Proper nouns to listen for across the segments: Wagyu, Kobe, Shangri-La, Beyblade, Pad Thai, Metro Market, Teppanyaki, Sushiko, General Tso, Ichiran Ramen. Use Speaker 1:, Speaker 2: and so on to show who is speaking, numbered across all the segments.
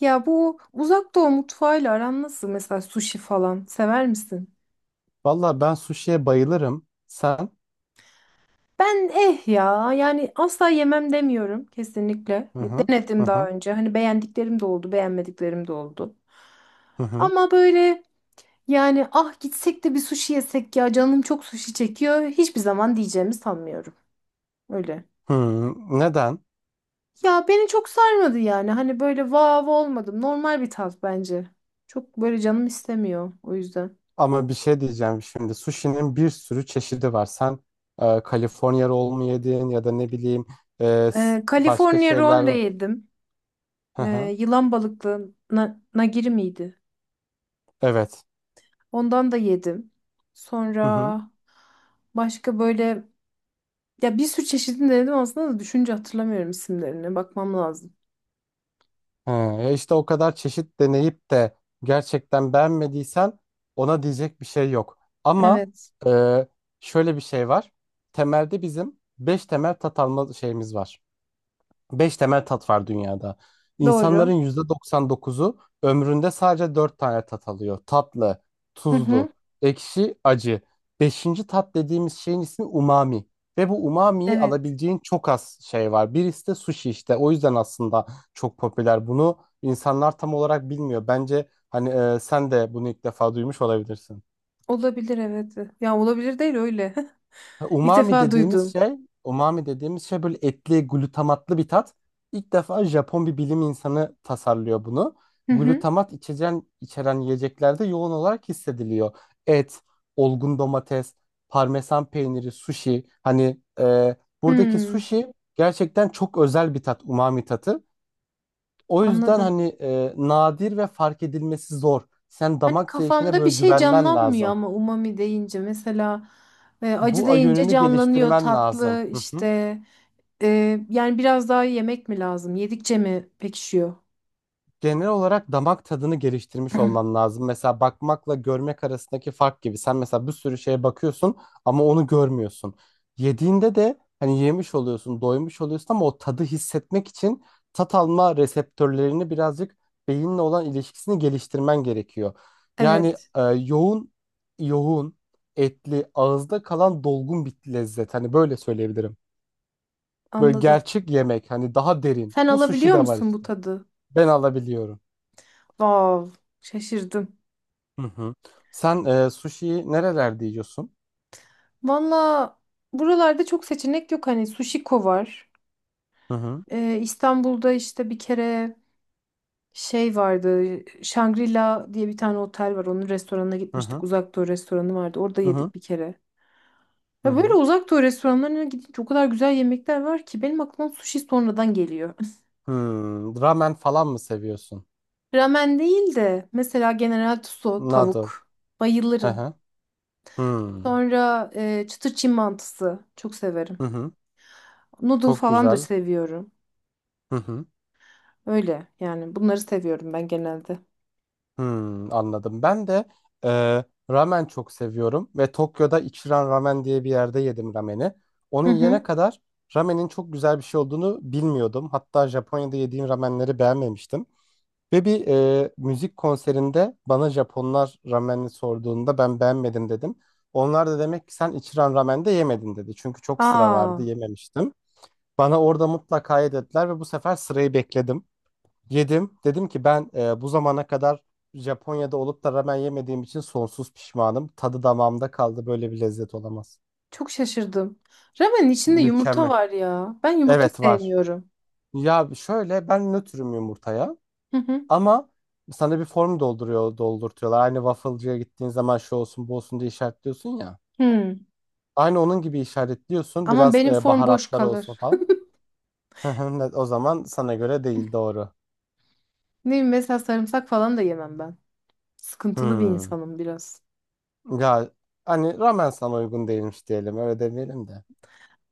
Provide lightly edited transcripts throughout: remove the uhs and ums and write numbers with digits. Speaker 1: Ya bu uzak doğu mutfağıyla aran nasıl? Mesela sushi falan sever misin?
Speaker 2: Valla ben suşiye bayılırım. Sen?
Speaker 1: Ben ya yani asla yemem demiyorum kesinlikle.
Speaker 2: Hı
Speaker 1: Ya
Speaker 2: hı.
Speaker 1: Denedim
Speaker 2: Hı
Speaker 1: daha
Speaker 2: hı.
Speaker 1: önce. Hani beğendiklerim de oldu, beğenmediklerim de oldu.
Speaker 2: Hı hı.
Speaker 1: Ama böyle yani gitsek de bir sushi yesek ya canım çok sushi çekiyor. Hiçbir zaman diyeceğimi sanmıyorum. Öyle.
Speaker 2: Hı. Neden?
Speaker 1: Ya beni çok sarmadı yani. Hani böyle vav olmadım. Normal bir tat bence. Çok böyle canım istemiyor o yüzden.
Speaker 2: Ama bir şey diyeceğim şimdi. Sushi'nin bir sürü çeşidi var. Sen Kaliforniya roll mu yedin ya da ne bileyim, başka
Speaker 1: California roll de
Speaker 2: şeyler.
Speaker 1: yedim.
Speaker 2: Hı hı.
Speaker 1: Yılan balıklığına nagiri miydi?
Speaker 2: Evet.
Speaker 1: Ondan da yedim.
Speaker 2: Hı hı.
Speaker 1: Sonra başka böyle ya bir sürü çeşidini denedim aslında da düşünce hatırlamıyorum isimlerini. Bakmam lazım.
Speaker 2: Hı. E işte o kadar çeşit deneyip de gerçekten beğenmediysen ona diyecek bir şey yok. Ama
Speaker 1: Evet.
Speaker 2: e, şöyle bir şey var. Temelde bizim 5 temel tat alma şeyimiz var. Beş temel tat var dünyada. İnsanların
Speaker 1: Doğru.
Speaker 2: %99'u ömründe sadece dört tane tat alıyor. Tatlı,
Speaker 1: Hı hı.
Speaker 2: tuzlu, ekşi, acı. Beşinci tat dediğimiz şeyin ismi umami. Ve bu umamiyi
Speaker 1: Evet.
Speaker 2: alabileceğin çok az şey var. Birisi de sushi işte. O yüzden aslında çok popüler. Bunu insanlar tam olarak bilmiyor. Bence hani sen de bunu ilk defa duymuş olabilirsin.
Speaker 1: Olabilir evet. Ya olabilir değil öyle.
Speaker 2: Ha,
Speaker 1: İlk
Speaker 2: umami
Speaker 1: defa
Speaker 2: dediğimiz
Speaker 1: duydum.
Speaker 2: şey, umami dediğimiz şey böyle etli, glutamatlı bir tat. İlk defa Japon bir bilim insanı tasarlıyor bunu.
Speaker 1: Hı hı.
Speaker 2: Glutamat içeceğin, içeren yiyeceklerde yoğun olarak hissediliyor. Et, olgun domates, parmesan peyniri, sushi. Hani buradaki
Speaker 1: Hmm,
Speaker 2: sushi gerçekten çok özel bir tat, umami tatı. O yüzden
Speaker 1: anladım.
Speaker 2: hani nadir ve fark edilmesi zor. Sen
Speaker 1: Hani
Speaker 2: damak zevkine
Speaker 1: kafamda bir
Speaker 2: böyle
Speaker 1: şey
Speaker 2: güvenmen
Speaker 1: canlanmıyor
Speaker 2: lazım.
Speaker 1: ama umami deyince mesela acı
Speaker 2: Bu
Speaker 1: deyince
Speaker 2: yönünü
Speaker 1: canlanıyor
Speaker 2: geliştirmen lazım.
Speaker 1: tatlı
Speaker 2: Hı hı.
Speaker 1: işte. Yani biraz daha yemek mi lazım? Yedikçe mi pekişiyor?
Speaker 2: Genel olarak damak tadını geliştirmiş olman lazım. Mesela bakmakla görmek arasındaki fark gibi. Sen mesela bir sürü şeye bakıyorsun ama onu görmüyorsun. Yediğinde de hani yemiş oluyorsun, doymuş oluyorsun ama o tadı hissetmek için tat alma reseptörlerini birazcık beyinle olan ilişkisini geliştirmen gerekiyor. Yani
Speaker 1: Evet,
Speaker 2: yoğun, yoğun, etli, ağızda kalan dolgun bir lezzet. Hani böyle söyleyebilirim. Böyle
Speaker 1: anladım.
Speaker 2: gerçek yemek, hani daha derin.
Speaker 1: Sen
Speaker 2: Bu sushi
Speaker 1: alabiliyor
Speaker 2: de var
Speaker 1: musun bu
Speaker 2: işte.
Speaker 1: tadı?
Speaker 2: Ben alabiliyorum.
Speaker 1: Vav, şaşırdım.
Speaker 2: Hı hı. Sen sushi'yi nerelerde yiyorsun?
Speaker 1: Valla buralarda çok seçenek yok. Hani Sushiko var.
Speaker 2: Hı hı.
Speaker 1: İstanbul'da işte bir kere şey vardı. Shangri-La diye bir tane otel var. Onun restoranına
Speaker 2: Hı
Speaker 1: gitmiştik.
Speaker 2: hı.
Speaker 1: Uzak Doğu restoranı vardı. Orada
Speaker 2: Hı hı.
Speaker 1: yedik bir kere.
Speaker 2: Hı
Speaker 1: Ya böyle
Speaker 2: hı.
Speaker 1: Uzak Doğu restoranlarına gidince o kadar güzel yemekler var ki benim aklıma sushi sonradan geliyor.
Speaker 2: Hmm, ramen falan mı seviyorsun?
Speaker 1: Ramen değil de mesela General Tso
Speaker 2: Noodle.
Speaker 1: tavuk.
Speaker 2: Hı
Speaker 1: Bayılırım.
Speaker 2: hı. Hmm.
Speaker 1: Sonra çıtır Çin mantısı. Çok
Speaker 2: Hı
Speaker 1: severim.
Speaker 2: hı.
Speaker 1: Noodle
Speaker 2: Çok
Speaker 1: falan da
Speaker 2: güzel.
Speaker 1: seviyorum.
Speaker 2: Hı hı.
Speaker 1: Öyle yani bunları seviyorum ben genelde.
Speaker 2: Hmm, anladım. Ben de e, ramen çok seviyorum ve Tokyo'da Ichiran Ramen diye bir yerde yedim rameni. Onun
Speaker 1: Hı
Speaker 2: yene
Speaker 1: hı.
Speaker 2: kadar ramenin çok güzel bir şey olduğunu bilmiyordum. Hatta Japonya'da yediğim ramenleri beğenmemiştim. Ve bir müzik konserinde bana Japonlar ramenini sorduğunda ben beğenmedim dedim. Onlar da demek ki sen içiren ramen de yemedin dedi. Çünkü çok sıra vardı
Speaker 1: Aa,
Speaker 2: yememiştim. Bana orada mutlaka ye dediler ve bu sefer sırayı bekledim. Yedim. Dedim ki ben bu zamana kadar Japonya'da olup da ramen yemediğim için sonsuz pişmanım. Tadı damağımda kaldı. Böyle bir lezzet olamaz.
Speaker 1: çok şaşırdım. Ramenin içinde yumurta
Speaker 2: Mükemmel.
Speaker 1: var ya. Ben yumurta
Speaker 2: Evet var.
Speaker 1: sevmiyorum.
Speaker 2: Ya şöyle ben nötrüm yumurtaya.
Speaker 1: Hı hı.
Speaker 2: Ama sana bir form dolduruyor, doldurtuyorlar. Aynı waffle'cıya gittiğin zaman şu olsun, bu olsun diye işaretliyorsun ya.
Speaker 1: Hı.
Speaker 2: Aynı onun gibi işaretliyorsun.
Speaker 1: Ama
Speaker 2: Biraz
Speaker 1: benim form boş
Speaker 2: baharatlar olsun
Speaker 1: kalır.
Speaker 2: falan. O zaman sana göre değil doğru.
Speaker 1: Ne bileyim, mesela sarımsak falan da yemem ben. Sıkıntılı bir
Speaker 2: Hmm.
Speaker 1: insanım biraz.
Speaker 2: Ya hani ramen sana uygun değilmiş diyelim. Öyle demeyelim de.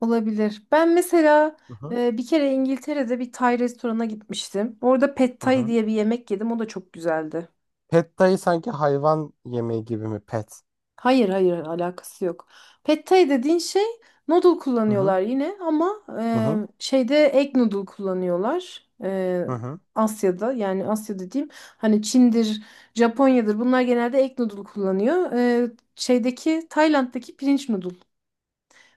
Speaker 1: Olabilir. Ben mesela
Speaker 2: Hı hı.
Speaker 1: bir kere İngiltere'de bir Tay restorana gitmiştim. Orada Pad
Speaker 2: Hı
Speaker 1: Thai
Speaker 2: hı.
Speaker 1: diye bir yemek yedim. O da çok güzeldi.
Speaker 2: Pad thai sanki hayvan yemeği gibi mi? Pet.
Speaker 1: Hayır hayır alakası yok. Pad Thai dediğin şey noodle
Speaker 2: Hı hı.
Speaker 1: kullanıyorlar yine ama
Speaker 2: Hı hı.
Speaker 1: şeyde egg noodle kullanıyorlar.
Speaker 2: Hı hı.
Speaker 1: Asya'da yani Asya dediğim hani Çin'dir, Japonya'dır bunlar genelde egg noodle kullanıyor. Şeydeki Tayland'daki pirinç noodle.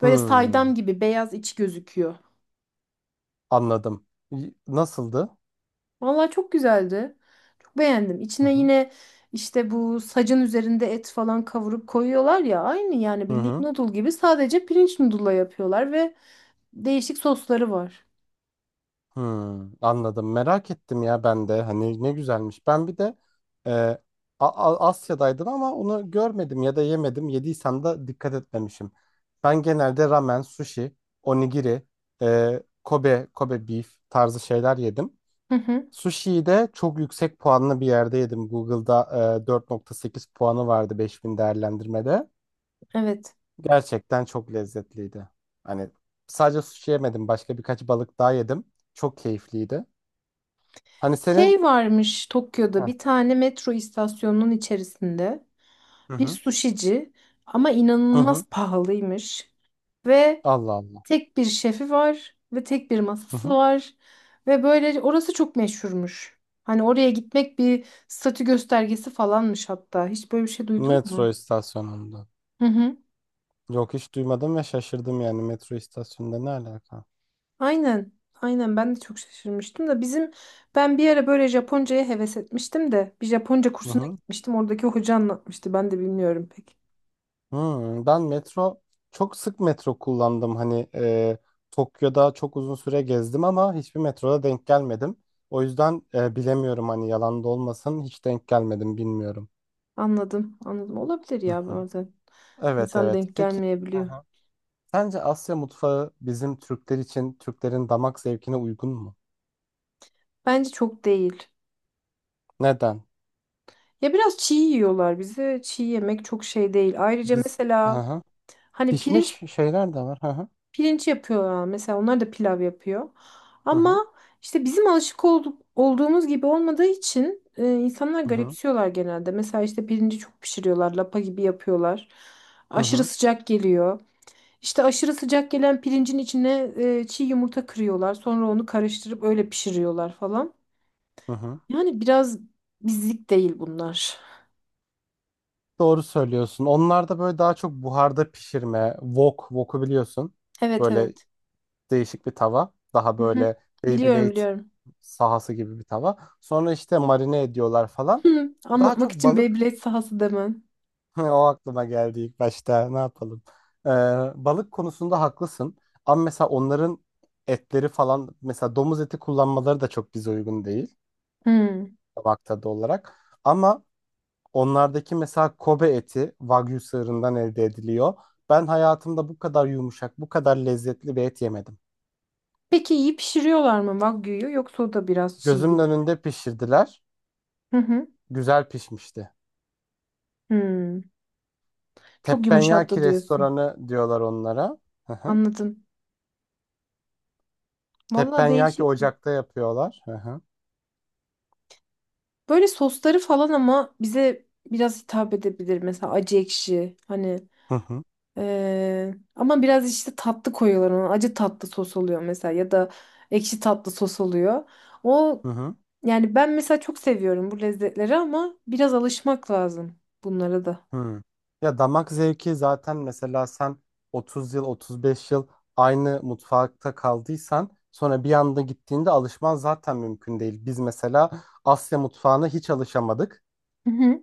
Speaker 1: Böyle
Speaker 2: Hmm.
Speaker 1: saydam gibi beyaz içi gözüküyor.
Speaker 2: Anladım. Nasıldı?
Speaker 1: Vallahi çok güzeldi. Çok beğendim.
Speaker 2: Hı
Speaker 1: İçine
Speaker 2: hı.
Speaker 1: yine işte bu sacın üzerinde et falan kavurup koyuyorlar ya aynı yani
Speaker 2: Hı
Speaker 1: bildiğin
Speaker 2: hı.
Speaker 1: noodle gibi sadece pirinç noodle'la yapıyorlar ve değişik sosları var.
Speaker 2: Hmm, anladım. Merak ettim ya ben de. Hani ne güzelmiş. Ben bir de e, A- Asya'daydım ama onu görmedim ya da yemedim. Yediysem de dikkat etmemişim. Ben genelde ramen, sushi, onigiri, Kobe, Kobe beef tarzı şeyler yedim.
Speaker 1: Hı hı.
Speaker 2: Sushi'yi de çok yüksek puanlı bir yerde yedim. Google'da 4,8 puanı vardı 5.000 değerlendirmede.
Speaker 1: Evet.
Speaker 2: Gerçekten çok lezzetliydi. Hani sadece sushi yemedim. Başka birkaç balık daha yedim. Çok keyifliydi. Hani
Speaker 1: Şey
Speaker 2: senin.
Speaker 1: varmış Tokyo'da
Speaker 2: Heh.
Speaker 1: bir tane metro istasyonunun içerisinde
Speaker 2: Hı
Speaker 1: bir
Speaker 2: hı.
Speaker 1: suşici ama
Speaker 2: Hı hı.
Speaker 1: inanılmaz pahalıymış. Ve
Speaker 2: Allah Allah.
Speaker 1: Tek bir şefi var ve tek bir
Speaker 2: Hı
Speaker 1: masası
Speaker 2: hı.
Speaker 1: var ve böyle orası çok meşhurmuş. Hani oraya gitmek bir statü göstergesi falanmış hatta. Hiç böyle bir şey duydun
Speaker 2: Metro
Speaker 1: mu?
Speaker 2: istasyonunda.
Speaker 1: Hı hı.
Speaker 2: Yok hiç duymadım ve şaşırdım yani metro istasyonunda ne alaka?
Speaker 1: Aynen. Aynen ben de çok şaşırmıştım da ben bir ara böyle Japonca'ya heves etmiştim de bir Japonca
Speaker 2: Hı
Speaker 1: kursuna
Speaker 2: hı.
Speaker 1: gitmiştim. Oradaki hoca anlatmıştı. Ben de bilmiyorum pek.
Speaker 2: Hmm, ben çok sık metro kullandım hani Tokyo'da çok uzun süre gezdim ama hiçbir metroda denk gelmedim. O yüzden bilemiyorum hani yalan da olmasın hiç denk gelmedim bilmiyorum.
Speaker 1: Anladım. Anladım. Olabilir
Speaker 2: Hı
Speaker 1: ya
Speaker 2: hı.
Speaker 1: bazen.
Speaker 2: Evet,
Speaker 1: İnsan
Speaker 2: evet,
Speaker 1: denk
Speaker 2: peki. Hı
Speaker 1: gelmeyebiliyor.
Speaker 2: hı. Sence Asya mutfağı bizim Türkler için Türklerin damak zevkine uygun mu?
Speaker 1: Bence çok değil.
Speaker 2: Neden?
Speaker 1: Ya biraz çiğ yiyorlar bize. Çiğ yemek çok şey değil. Ayrıca
Speaker 2: Biz. Hı
Speaker 1: mesela
Speaker 2: hı.
Speaker 1: hani pirinç
Speaker 2: Pişmiş şeyler de var. Hı hı.
Speaker 1: yapıyorlar mesela onlar da pilav yapıyor.
Speaker 2: Hı hı.
Speaker 1: Ama işte bizim alışık olduk, olduğumuz gibi olmadığı için insanlar
Speaker 2: Hı hı.
Speaker 1: garipsiyorlar genelde. Mesela işte pirinci çok pişiriyorlar, lapa gibi yapıyorlar.
Speaker 2: Hı
Speaker 1: Aşırı
Speaker 2: hı.
Speaker 1: sıcak geliyor. İşte aşırı sıcak gelen pirincin içine çiğ yumurta kırıyorlar. Sonra onu karıştırıp öyle pişiriyorlar falan.
Speaker 2: Hı hı.
Speaker 1: Yani biraz bizlik değil bunlar.
Speaker 2: Doğru söylüyorsun. Onlar da böyle daha çok buharda pişirme. Wok, wok'u biliyorsun.
Speaker 1: Evet
Speaker 2: Böyle
Speaker 1: evet.
Speaker 2: değişik bir tava. Daha
Speaker 1: Hı hı.
Speaker 2: böyle
Speaker 1: Biliyorum
Speaker 2: Beyblade
Speaker 1: biliyorum.
Speaker 2: sahası gibi bir tava. Sonra işte marine ediyorlar falan.
Speaker 1: Hı.
Speaker 2: Daha çok
Speaker 1: Anlatmak için
Speaker 2: balık.
Speaker 1: Beyblade sahası demem.
Speaker 2: O aklıma geldi ilk başta. Ne yapalım? Ee, balık konusunda haklısın. Ama mesela onların etleri falan mesela domuz eti kullanmaları da çok bize uygun değil.
Speaker 1: Hı.
Speaker 2: Tabakta da olarak. Ama onlardaki mesela Kobe eti Wagyu sığırından elde ediliyor. Ben hayatımda bu kadar yumuşak, bu kadar lezzetli bir et yemedim.
Speaker 1: Peki iyi pişiriyorlar mı Wagyu'yu yoksa o da biraz çiğ
Speaker 2: Gözümün
Speaker 1: gibi mi?
Speaker 2: önünde pişirdiler.
Speaker 1: Hı hı.
Speaker 2: Güzel pişmişti.
Speaker 1: Hmm. Çok
Speaker 2: Teppanyaki
Speaker 1: yumuşaktı diyorsun.
Speaker 2: restoranı diyorlar onlara. Hı hı.
Speaker 1: Anladım. Vallahi
Speaker 2: Teppanyaki
Speaker 1: değişik.
Speaker 2: ocakta yapıyorlar. Hı hı.
Speaker 1: Böyle sosları falan ama bize biraz hitap edebilir. Mesela acı ekşi hani
Speaker 2: Hı hı.
Speaker 1: ama biraz işte tatlı koyuyorlar ona. Acı tatlı sos oluyor mesela ya da ekşi tatlı sos oluyor. O
Speaker 2: Hı hı.
Speaker 1: yani ben mesela çok seviyorum bu lezzetleri ama biraz alışmak lazım bunlara da.
Speaker 2: Hmm. Ya damak zevki zaten mesela sen 30 yıl 35 yıl aynı mutfakta kaldıysan sonra bir anda gittiğinde alışman zaten mümkün değil. Biz mesela Asya mutfağına hiç alışamadık.
Speaker 1: Hı hı.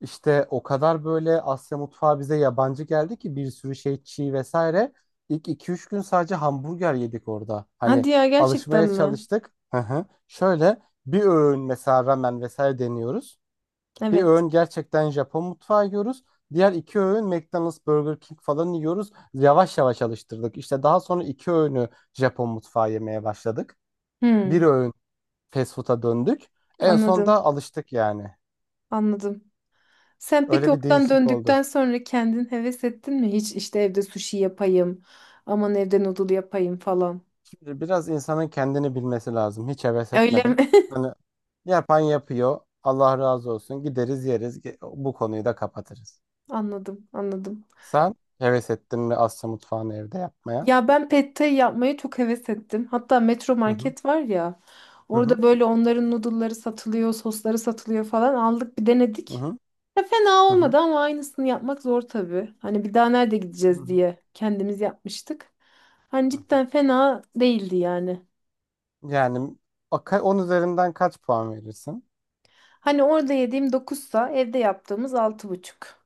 Speaker 2: İşte o kadar böyle Asya mutfağı bize yabancı geldi ki bir sürü şey çiğ vesaire. İlk iki üç gün sadece hamburger yedik orada.
Speaker 1: Hadi
Speaker 2: Hani
Speaker 1: ya gerçekten
Speaker 2: alışmaya
Speaker 1: mi?
Speaker 2: çalıştık. Hı hı. Şöyle bir öğün mesela ramen vesaire deniyoruz. Bir
Speaker 1: Evet.
Speaker 2: öğün gerçekten Japon mutfağı yiyoruz. Diğer iki öğün McDonald's, Burger King falan yiyoruz. Yavaş yavaş alıştırdık. İşte daha sonra iki öğünü Japon mutfağı yemeye başladık. Bir
Speaker 1: Hmm.
Speaker 2: öğün fast food'a döndük. En son da
Speaker 1: Anladım,
Speaker 2: alıştık yani.
Speaker 1: anladım. Sen peki
Speaker 2: Öyle bir
Speaker 1: oradan
Speaker 2: değişik oldu.
Speaker 1: döndükten sonra kendin heves ettin mi? Hiç işte evde sushi yapayım, aman evde noodle yapayım falan.
Speaker 2: Şimdi biraz insanın kendini bilmesi lazım. Hiç heves
Speaker 1: Öyle mi?
Speaker 2: etmedim. Hani yapan yapıyor. Allah razı olsun. Gideriz yeriz. Bu konuyu da kapatırız.
Speaker 1: Anladım, anladım.
Speaker 2: Sen heves ettin mi Asya mutfağını evde yapmaya?
Speaker 1: Ya ben pad thai yapmayı çok heves ettim. Hatta Metro
Speaker 2: Hı hı.
Speaker 1: Market var ya,
Speaker 2: Hı
Speaker 1: orada
Speaker 2: hı.
Speaker 1: böyle onların noodle'ları satılıyor, sosları satılıyor falan. Aldık bir
Speaker 2: Hı
Speaker 1: denedik.
Speaker 2: hı.
Speaker 1: Ya fena
Speaker 2: Hı
Speaker 1: olmadı
Speaker 2: hı.
Speaker 1: ama aynısını yapmak zor tabii. Hani bir daha nerede
Speaker 2: Hı
Speaker 1: gideceğiz
Speaker 2: hı.
Speaker 1: diye kendimiz yapmıştık. Hani cidden fena değildi yani.
Speaker 2: Yani 10 üzerinden kaç puan verirsin?
Speaker 1: Hani orada yediğim 9'sa evde yaptığımız 6,5.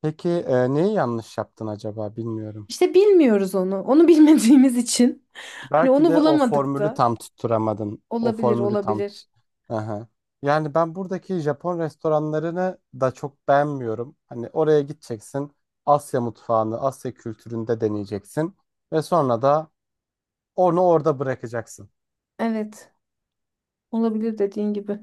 Speaker 2: Peki neyi yanlış yaptın acaba bilmiyorum.
Speaker 1: İşte bilmiyoruz onu. Onu bilmediğimiz için. Hani
Speaker 2: Belki
Speaker 1: onu
Speaker 2: de o
Speaker 1: bulamadık
Speaker 2: formülü
Speaker 1: da.
Speaker 2: tam tutturamadın. O
Speaker 1: Olabilir,
Speaker 2: formülü tam tut.
Speaker 1: olabilir.
Speaker 2: Aha. Yani ben buradaki Japon restoranlarını da çok beğenmiyorum. Hani oraya gideceksin, Asya mutfağını, Asya kültüründe deneyeceksin ve sonra da onu orada bırakacaksın.
Speaker 1: Evet, olabilir dediğin gibi.